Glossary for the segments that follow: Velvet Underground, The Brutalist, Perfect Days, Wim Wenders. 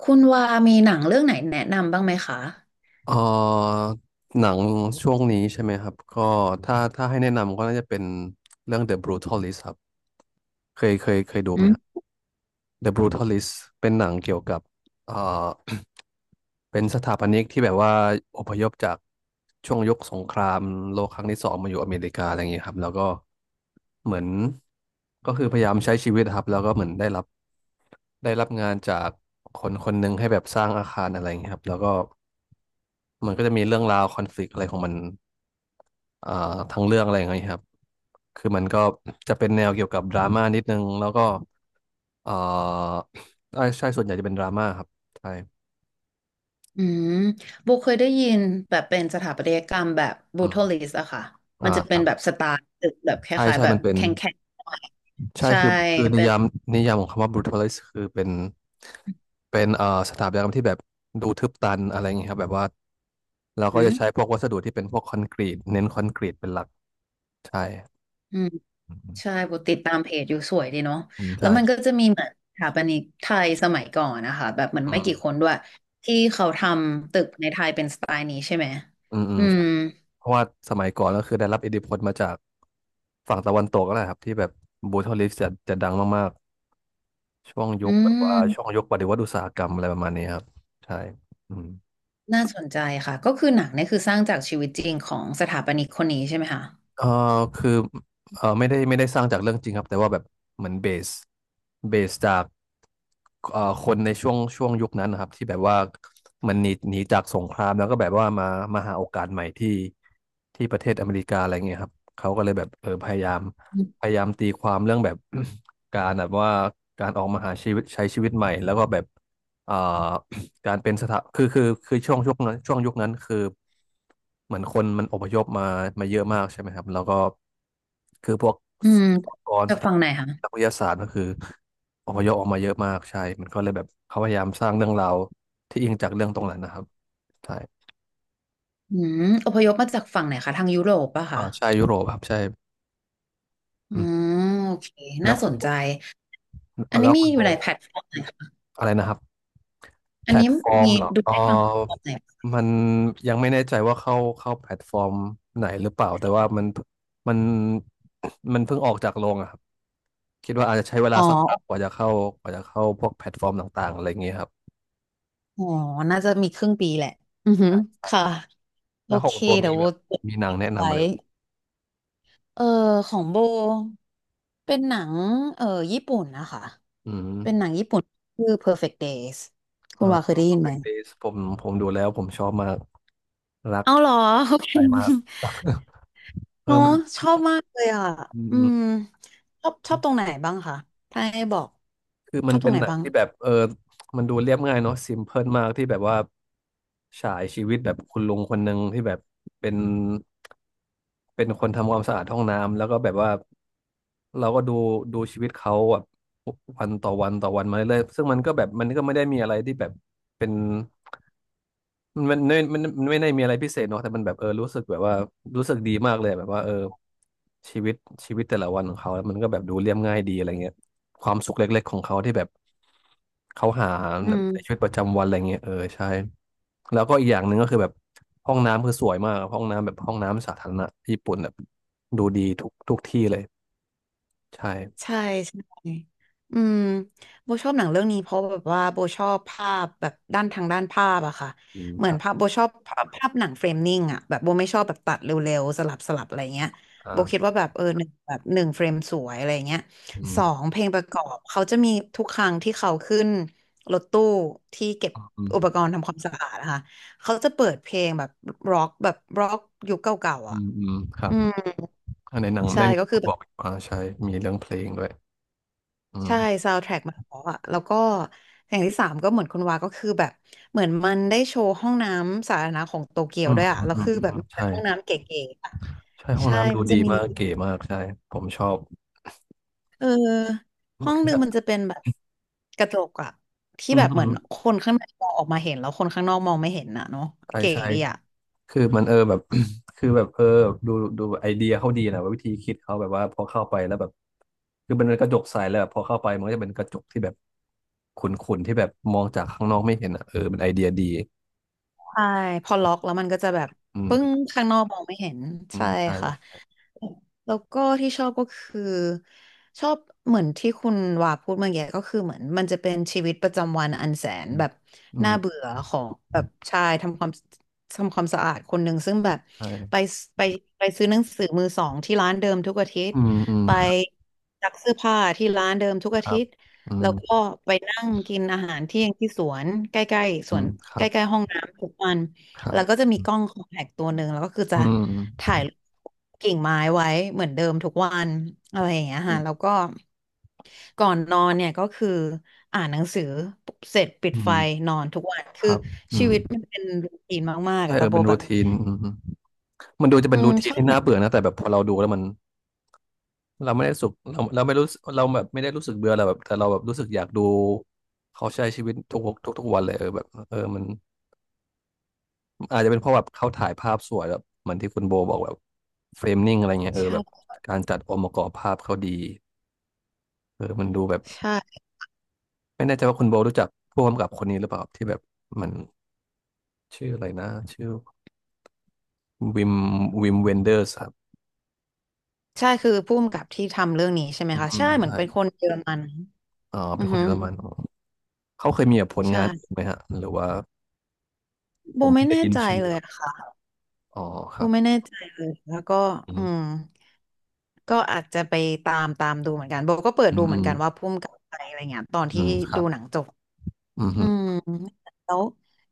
คุณว่ามีหนังเรื่องไหนแนะนำบ้างไหมคะเอ่อหนังช่วงนี้ใช่ไหมครับก็ถ้าให้แนะนำก็น่าจะเป็นเรื่อง The Brutalist ครับเคยดูอืไหมครับ ม The Brutalist เป็นหนังเกี่ยวกับเอ่อ เป็นสถาปนิกที่แบบว่าอพยพจากช่วงยุคสงครามโลกครั้งที่สองมาอยู่อเมริกาอะไรอย่างเงี้ยครับแล้วก็เหมือนก็คือพยายามใช้ชีวิตครับแล้วก็เหมือนได้รับงานจากคนคนหนึ่งให้แบบสร้างอาคารอะไรอย่างเงี้ยครับแล้วก็ มันก็จะมีเรื่องราวคอนฟ lict อะไรของมันอ่าทั้งเรื่องอะไรอย่างเงี้ยครับ คือมันก็จะเป็นแนวเกี่ยวกับดราม่านิดนึงแล้วก็เอ่อใช่ใช่ส่วนใหญ่จะเป็นดราม่าครับใช่อืมโบเคยได้ยินแบบเป็นสถาปัตยกรรมแบบบูอืโทมลิสอะค่ะอ่ามันจะคเป็นรับแบบสไตล์ตึกแบบคใช่ล้ายใช่ๆแบมับนเป็นแข็งแข่งใช่ใช่คือนิเป็นยามนิยามของคำว่า brutalist คือเป็นเป็นสถาปัตยกรรมที่แบบดูทึบตันอะไรอย่างเงี้ยครับแบบว่าเราก็อืจะมใช้พวกวัสดุที่เป็นพวกคอนกรีตเน้นคอนกรีตเป็นหลักใช่อืมอืใช่มโบติดตามเพจอยู่สวยดีเนาะอืมแล้วใช่มันก็จะมีเหมือนสถาปนิกไทยสมัยก่อนนะคะแบบเหมือนไม่อืมกี่คนด้วยที่เขาทำตึกในไทยเป็นสไตล์นี้ใช่ไหมอืมอืมอืใช่ มเพราะว่าสมัยก่อนก็คือได้รับอิทธิพลมาจากฝั่งตะวันตกก็แหละครับที่แบบบูทอลลิสจะดังมากๆช่วงยุอืคแบบว่าช่วงม ยุคปฏิวัติอุตสาหกรรมอะไรประมาณนี้ครับใช่อืม น่าสนใจค่ะก็คือหนังเนี่ยคือสร้างจากชีวิตจริงของสถาปนิกคนนี้ใช่ไหมคะเออคือเออไม่ได้สร้างจากเรื่องจริงครับแต่ว่าแบบเหมือนเบสจากคนในช่วงยุคนั้นนะครับที่แบบว่าเหมันหนีจากสงครามแล้วก็แบบว่ามาหาโอกาสใหม่ที่ที่ประเทศอเมริกาอะไรเงี้ยครับเขาก็เลยแบบเออพยายามอืพมยายามตีความเรื่องแบบ การแบบว่าการออกมาหาชีวิตใช้ชีวิตใหม่แล้วก็แบบเอ่อ การเป็นสถาคือช่วงนั้นช่วงยุคนั้นคือเหมือนคนมันอพยพมามาเยอะมากใช่ไหมครับแล้วก็คือพวกอุปกรณ์จาสกถาฝั่งบัไหนนคะนักวิทยาศาสตร์ก็คืออพยพออกมาเยอะมากใช่มันก็เลยแบบเขาพยายามสร้างเรื่องราวที่อิงจากเรื่องตรงนั้นนะครับใช่อืมอพยพมาจากฝั่งไหนคะทางยุโรปป่ะคะอ่าใช่ยุโรปครับใช่อือืมมโอเคแล้น่าวสคุณนใจอันนี้แล้วมีคุณอโบยู่ในแพลตฟอร์มไหนคะอะไรนะครับ อัแพนลนี้ตฟอร์มมีเหรอดูเออได้ทางแพลตฟอร์มไหนปะมันยังไม่แน่ใจว่าเข้าแพลตฟอร์มไหนหรือเปล่าแต่ว่ามันมันเพิ่งออกจากโรงอะครับคิดว่าอาจจะใช้เวอ๋ลาอสักพักกว่าจะเข้ากว่าจะเข้าพวกแพลตฟอร์มต่างๆอะไรอย่างเงี้ยครับอ๋อน่าจะมีครึ่งปีแหละอือหือค่ะโอแล้วของเคคุณโบเดี๋มียวโบแบบมีหนังแนะนำไว้ อะไรแเออของโบเป็นหนังเออญี่ปุ่นนะคะอืมเป็นหนังญี่ปุ่นชื่อ Perfect Days คุอ่า ณว่าเคยได้ยินไหม Perfect Days ผมดูแล้วผมชอบมากรักเอาเหรอโอเค ใจมาก เอเนออะมันชอบมากเลยอ่ะอืมอืชอบตรงม ไหนบ้างคะถ้าให้บอกคือชมันอบตรเป็งนไหนหนังบ้างที่แบบเออมันดูเรียบง่ายเนาะ s ิมเพิลมากที่แบบว่าฉายชีวิตแบบคุณลุงคนหนึ่งที่แบบเป็นเป็นคนทำความสะอาดห้องน้ำแล้วก็แบบว่าเราก็ดูดูชีวิตเขาแบบวันต่อวันต่อวันมาเรื่อยๆซึ่งมันก็แบบมันก็ไม่ได้มีอะไรที่แบบเป็น มันไม่มันไม่ได้มีอะไรพิเศษเนาะแต่มันแบบเออรู้สึกแบบว่ารู้สึกดีมากเลยแบบว่าเออชีวิตชีวิตแต่ละวันของเขามันก็แบบดูเรียบง่ายดีอะไรเงี้ยความสุขเล็กๆของเขาที่แบบเขาหาอืม ในชีวิตประจำวันอะไรเงี้ยเออใช่แล้วก็อีกอย่างหนึ่งก็คือแบบห้องน้ำคือสวยมากห้องน้ำแบบห้องน้ำสาธารณะญี่ปุ่นแบบดูดีทุกที่เลยใช่ใช่ใช่ อืมโบชอบหนังเรื่องนี้เพราะแบบว่าโบชอบภาพแบบด้านทางด้านภาพอะค่ะ อืมเหมืคอนรับภาพโบชอบภาพหนังเฟรมนิ่งอะแบบโบไม่ชอบแบบตัดเร็วๆสลับอะไรเงี้ยอ่โบคิดาว่าแบบหนึ่งแบบหนึ่งเฟรมสวยอะไรเงี้ยอืสมองเพลงประกอบเขาจะมีทุกครั้งที่เขาขึ้นรถตู้ที่เก็บอือุปมกรณ์ทำความสะอาดนะคะเขาจะเปิดเพลงแบบร็อกแบบร็อกยุคเก่าๆอือะมอืมครัอืบมอ่าในหนังใช่ในหนัก็งคือ เขาบอกอยู่อ่าใช่มีเรื่องเพลงด้วยอืใช่ม ซาว์แทร็กมันเพราะอะแล้วก็อย่างที่สามก็เหมือนคุณวาก็คือแบบเหมือนมันได้โชว์ห้องน้ำสาธารณะของโตเกียวอืมด้วยอือะมแล้วอืมคืออืแบบมมีแต่ใช่ห้องน้ำเก๋ๆอะใช่ห้องใช่น้ำดูมันจะดีมีมากเก๋มากใช่ผมชอบเออห้องคืหอนึ่แบงบมันจะเป็นแบบกระจกอะที่อืแบมบอืเหมือมนคนข้างในมองออกมาเห็นแล้วคนข้างนอกมองไม่เห็นอะเนาะใช่เก๋ใช่ดีอะคือมันเออแบบ คือแบบเออดูดูไอเดียเขาดีนะว่าวิธีคิดเขาแบบว่าพอเข้าไปแล้วแบบคือมันเป็นกระจกใสแล้วแบบพอเข้าไปมันก็จะเป็นกระจกที่แบบขุ่นๆที่แบบมองจากข้างนอกไม่เห็นอ่ะเออเป็นไอเดียดีใช่พอล็อกแล้วมันก็จะแบบอืปึ้งมข้างนอกมองไม่เห็นอืใช่มใช่ค่ะ แล้วก็ที่ชอบก็คือชอบเหมือนที่คุณว่าพูดเมื่อกี้ก็คือเหมือนมันจะเป็นชีวิตประจำวันอันแสนอืแบมบอืน่ามเบื่อของแบบชายทำความสะอาดคนหนึ่งซึ่งแบบไปใช่ไปไปซื้อหนังสือมือสองที่ร้านเดิมทุกอาทิตอืย์มอืมไปครับซักเสื้อผ้าที่ร้านเดิมทุกคอารัทิบตย์อืแล้มวก็ไปนั่งกินอาหารเที่ยงที่สวนใกล้ๆสอืวนมครัใกล้บๆห้องน้ำทุกวัน ครับแล้วก็จะมีอืมกล้องคอมแพคตัวหนึ่งแล้วก็คือจะอืถ่ายกิ่งไม้ไว้เหมือนเดิมทุกวันอะไรอย่างเงี้ยค่ะแล้มวก็ก่อนนอนเนี่ยก็คืออ่านหนังสือเสร็จปิดอืไฟมนอนทุกวันคคือรับอืชีม วิตมันเป็นรูทีนมากๆใช่อะเอแต่อโบเป็นแบรูบทีนอืมมันดูจะเป็อืนรูมทีชนอบที่หนัน่างเบื่อนะแต่แบบพอเราดูแล้วมันเราไม่ได้สุขเราไม่รู้สึกเราแบบไม่ได้รู้สึกเบื่อเราแบบแต่เราแบบรู้สึกอยากดูเขาใช้ชีวิตทุกวันเลยเออแบบเออมันอาจจะเป็นเพราะแบบเขาถ่ายภาพสวยแบบเหมือนที่คุณโบบอกแบบเฟรมนิ่งอะไรเงี้ยเออแบบใช่การจัดองค์ประกอบภาพเขาดีเออมันดูแบบใช่ไม่แน่ใจว่าคุณโบรู้จักผู้กำกับคนนี้หรือเปล่าที่แบบมันชื่ออะไรนะชื่อวิมวิมเวนเดอร์สครับใช่คือผู้กำกับที่ทำเรื่องนี้ใช่ไหมอืมคะอืใช่มเหมือใช่นเป็นคนเยอรมันอ๋ออืเป็นอคนฮึเยอรมัน เขาเคยมีแบบผลใช่งานอื่นไหมฮะหรือว่าโบผมไม่เพิ่งได้แน่ยินใจชื่อเลยอะค่ะ อ๋อคกูรัไม่บแน่ใจเลยแล้วก็อือืมมก็อาจจะไปตามดูเหมือนกันโบก็เปิดอืดูมเหอืมือนมกันว่าพุ่มกับใครอะไรเงี้ยตอนอืที่มครัดูบหนังจบอืมอืฮึมแล้ว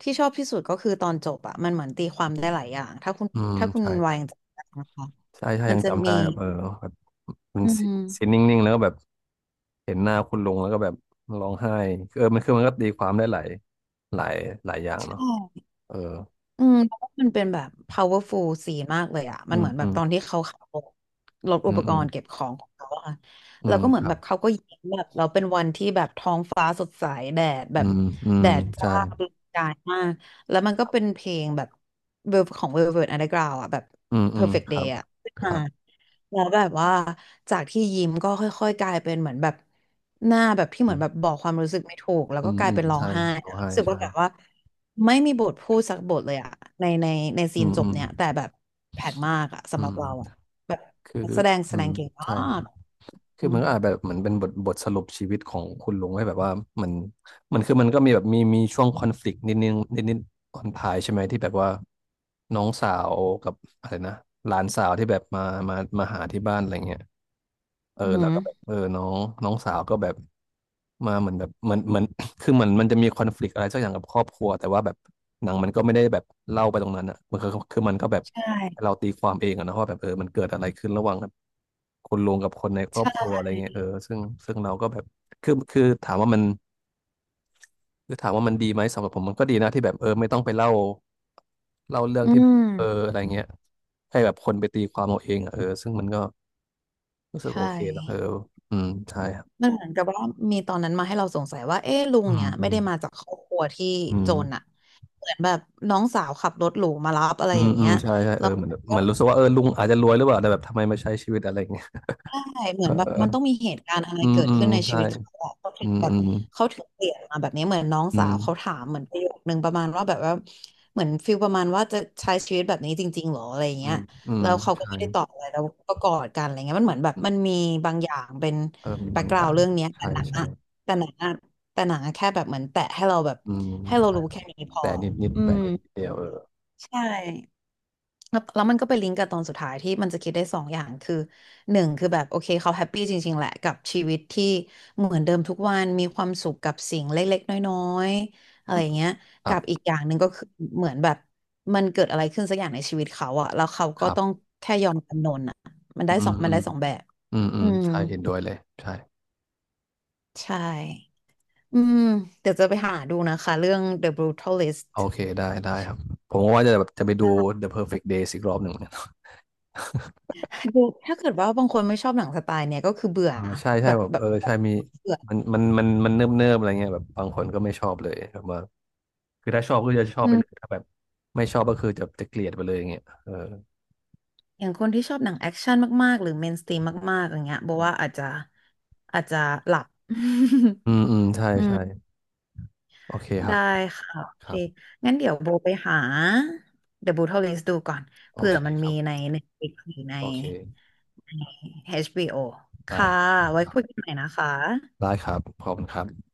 ที่ชอบที่สุดก็คือตอนจบอะมันเหมือนตีความได้หลายอย่างถ้าคุณอืมถ้าคุณใช่วายยังจำได้นะคะใช่ใช่มันยังจะจำมีได้แบบเออแบบมันอืซีนม นิ่งๆแล้วก็แบบเห็นหน้าคุณลุงแล้วก็แบบร้องไห้เออมันคือมันก็ตีความได้หลายหลายอย่างเนาะเอออืมเพราะว่ามันเป็นแบบ powerful ซีนมากเลยอ่ะมัอืนเหมมือนแบอืบมตอนที่เขาขับรถอือุปมกอืมรณ์เก็บของของเขาอะอืแล้วมก็เหมือคนรัแบบบเขาก็ยิ้มแบบเราเป็นวันที่แบบท้องฟ้าสดใสแดดแบอืบมอืมแดดใช่จ้าประกายมาก แล้วมันก็เป็นเพลงแบบ ของ Velvet Underground อ่ะแบบ อืม Perfect ครั Day บอ่ะขึ้นคมา รับแล้วแบบว่าจากที่ยิ้มก็ค่อยๆกลายเป็นเหมือนแบบหน้าแบบที่เหอืมือนมแบบบอกความรู้สึกไม่ถูกแล้วอืก็มกลายอืมเป็นร้อใช่งไห้ร้องไห้รู้สึกใช่ว่าแบบว่าไม่มีบทพูดสักบทเลยอะในในในซีอืนมจอืบมเนี่ยแต่แบบแปลกมากอะอืสำหรับเราอะมแบบคือนักแสดงแสอืดมงเก่งมาใช่ใช่ กคือือมมันก็อาจแบบเหมือนเป็นบทสรุปชีวิตของคุณลุงให้แบบว่ามันมันคือมันก็มีแบบมีช่วงคอนฟ lict นิดนึงนิดตอนท้ายใช่ไหมที่แบบว่าน้องสาวกับอะไรนะหลานสาวที่แบบมาหาที่บ้านอะไรเงี้ยเอออือหืแล้วอก็แบบเออน้องน้องสาวก็แบบมาเหมือนแบบเหมือน คือเหมือนมันจะมีคอนฟ lict อะไรสักอย่างกับครอบครัวแต่ว่าแบบหนังมันก็ไม่ได้แบบเล่าไปตรงนั้นอ่ะมันคือมันก็แบบใชให้เรา่ตีความเองอะนะว่าแบบเออมันเกิดอะไรขึ้นระหว่างแบบคนลุงกับคนในครอบครัวใช่อะไรเงี้ยเออซึ่งเราก็แบบคือถามว่ามันคือถามว่ามันดีไหมสำหรับผมมันก็ดีนะที่แบบเออไม่ต้องไปเล่าเรื่องอืที่แบมบเอออะไรเงี้ยให้แบบคนไปตีความเอาเองอะเออซึ่งมันก็รู้สึกโอใช่เคนะเอออืมใช่ครับมันเหมือนกับว่ามีตอนนั้นมาให้เราสงสัยว่าเอ๊ะลุงอืมเนี่ยอืไม่มได้มาจากครอบครัวที่อืจม นอะเหมือนแบบน้องสาวขับรถหรูมารับอะไรอือมย่างอืเงี้มย ใช่ใช่เออเหมือนรู้สึกว่าเออลุงอาจจะรวยหรือเปล่าแต่แบบทำไมมาใช้ชีวิตอะไรอย่างเงี้ยใช่เหมืเออนแบบอมันต้องอมีเหตุการณ์อะไรืมเกิดอืมขึ้นในชีใช่วิตเขาอะเขาถึอืงมแบบอืมเขาถึงเปลี่ยนมาแบบนี้เหมือนน้องอืสามวเขาถามเหมือนประโยคนึงประมาณว่าแบบว่าเหมือนฟิลประมาณว่าจะใช้ชีวิตแบบนี้จริงๆหรออะไรอืเงี้ยมอืมแล้วเขาก็ใช่ไม่ได้ตอบอะไรแล้วก็กอดกันอะไรเงี้ยมันเหมือนแบบอืมันมมีบางอย่างเป็นเออมีแบ็บากงกอราวย่าด์งเรื่องเนี้ยใช่ใช่แต่หนังอะแต่หนังอะแค่แบบเหมือนแตะให้เราแบบอืมให้เราใช่รู้แค่นี้พอแต่นิดอืแต่มนิดเดียวเออใช่ แล้วแล้วมันก็ไปลิงก์กับตอนสุดท้ายที่มันจะคิดได้สองอย่างคือหนึ่งคือแบบโอเคเขาแฮปปี้จริงๆแหละกับชีวิตที่เหมือนเดิมทุกวันมีความสุขกับสิ่งเล็กๆน้อยๆอะไรอืมอย่างเงี้ยครักับอีกบอย่างหนึ่งก็คือเหมือนแบบมันเกิดอะไรขึ้นสักอย่างในชีวิตเขาอะแล้วเขาคก็รัต้องบแค่ยอมจำนนอะอืมมัอืนได้มสองแบบอืมอือืมมใช่เห็นด้วยเลยใช่ใช่อืมเดี๋ยวจะไปหาดูนะคะเรื่อง The Brutalist โอเคได้ครับผมก็ว่าจะแบบจะไปดู The Perfect Days อีกรอบหนึ่งเหมือนกันดูถ้าเกิดว่าบางคนไม่ชอบหนังสไตล์เนี่ยก็คือเบื่อเออใช่ใช่แบบแบบแบเอบอใช่มีเบื่อมันเนิบเนิบอะไรเงี้ยแบบบางคนก็ไม่ชอบเลยแบบว่า คือถ้าชอบก็จะชอบอืไปเลยม ถ้าแบบไม่ชอบก็คือจะเกลียดไปเลยอย่างเงี้ยเอออย่างคนที่ชอบหนังแอคชั่นมากๆหรือเมนสตรีมมากๆอย่างเงี้ยโบอกว่าอาจจะหลับ อืมใช่ อืมใช่โอเคครัได้บค่ะโอคเครับงั้นเดี๋ยวโบไปหา The Brutal List ดูก่อนโอเผื่อเคมันครับมีใน Netflix หรือในโอเคใน HBO ได้ค่ะไว้ครับคุยกันใหม่นะคะได้ครับขอบคุณครับ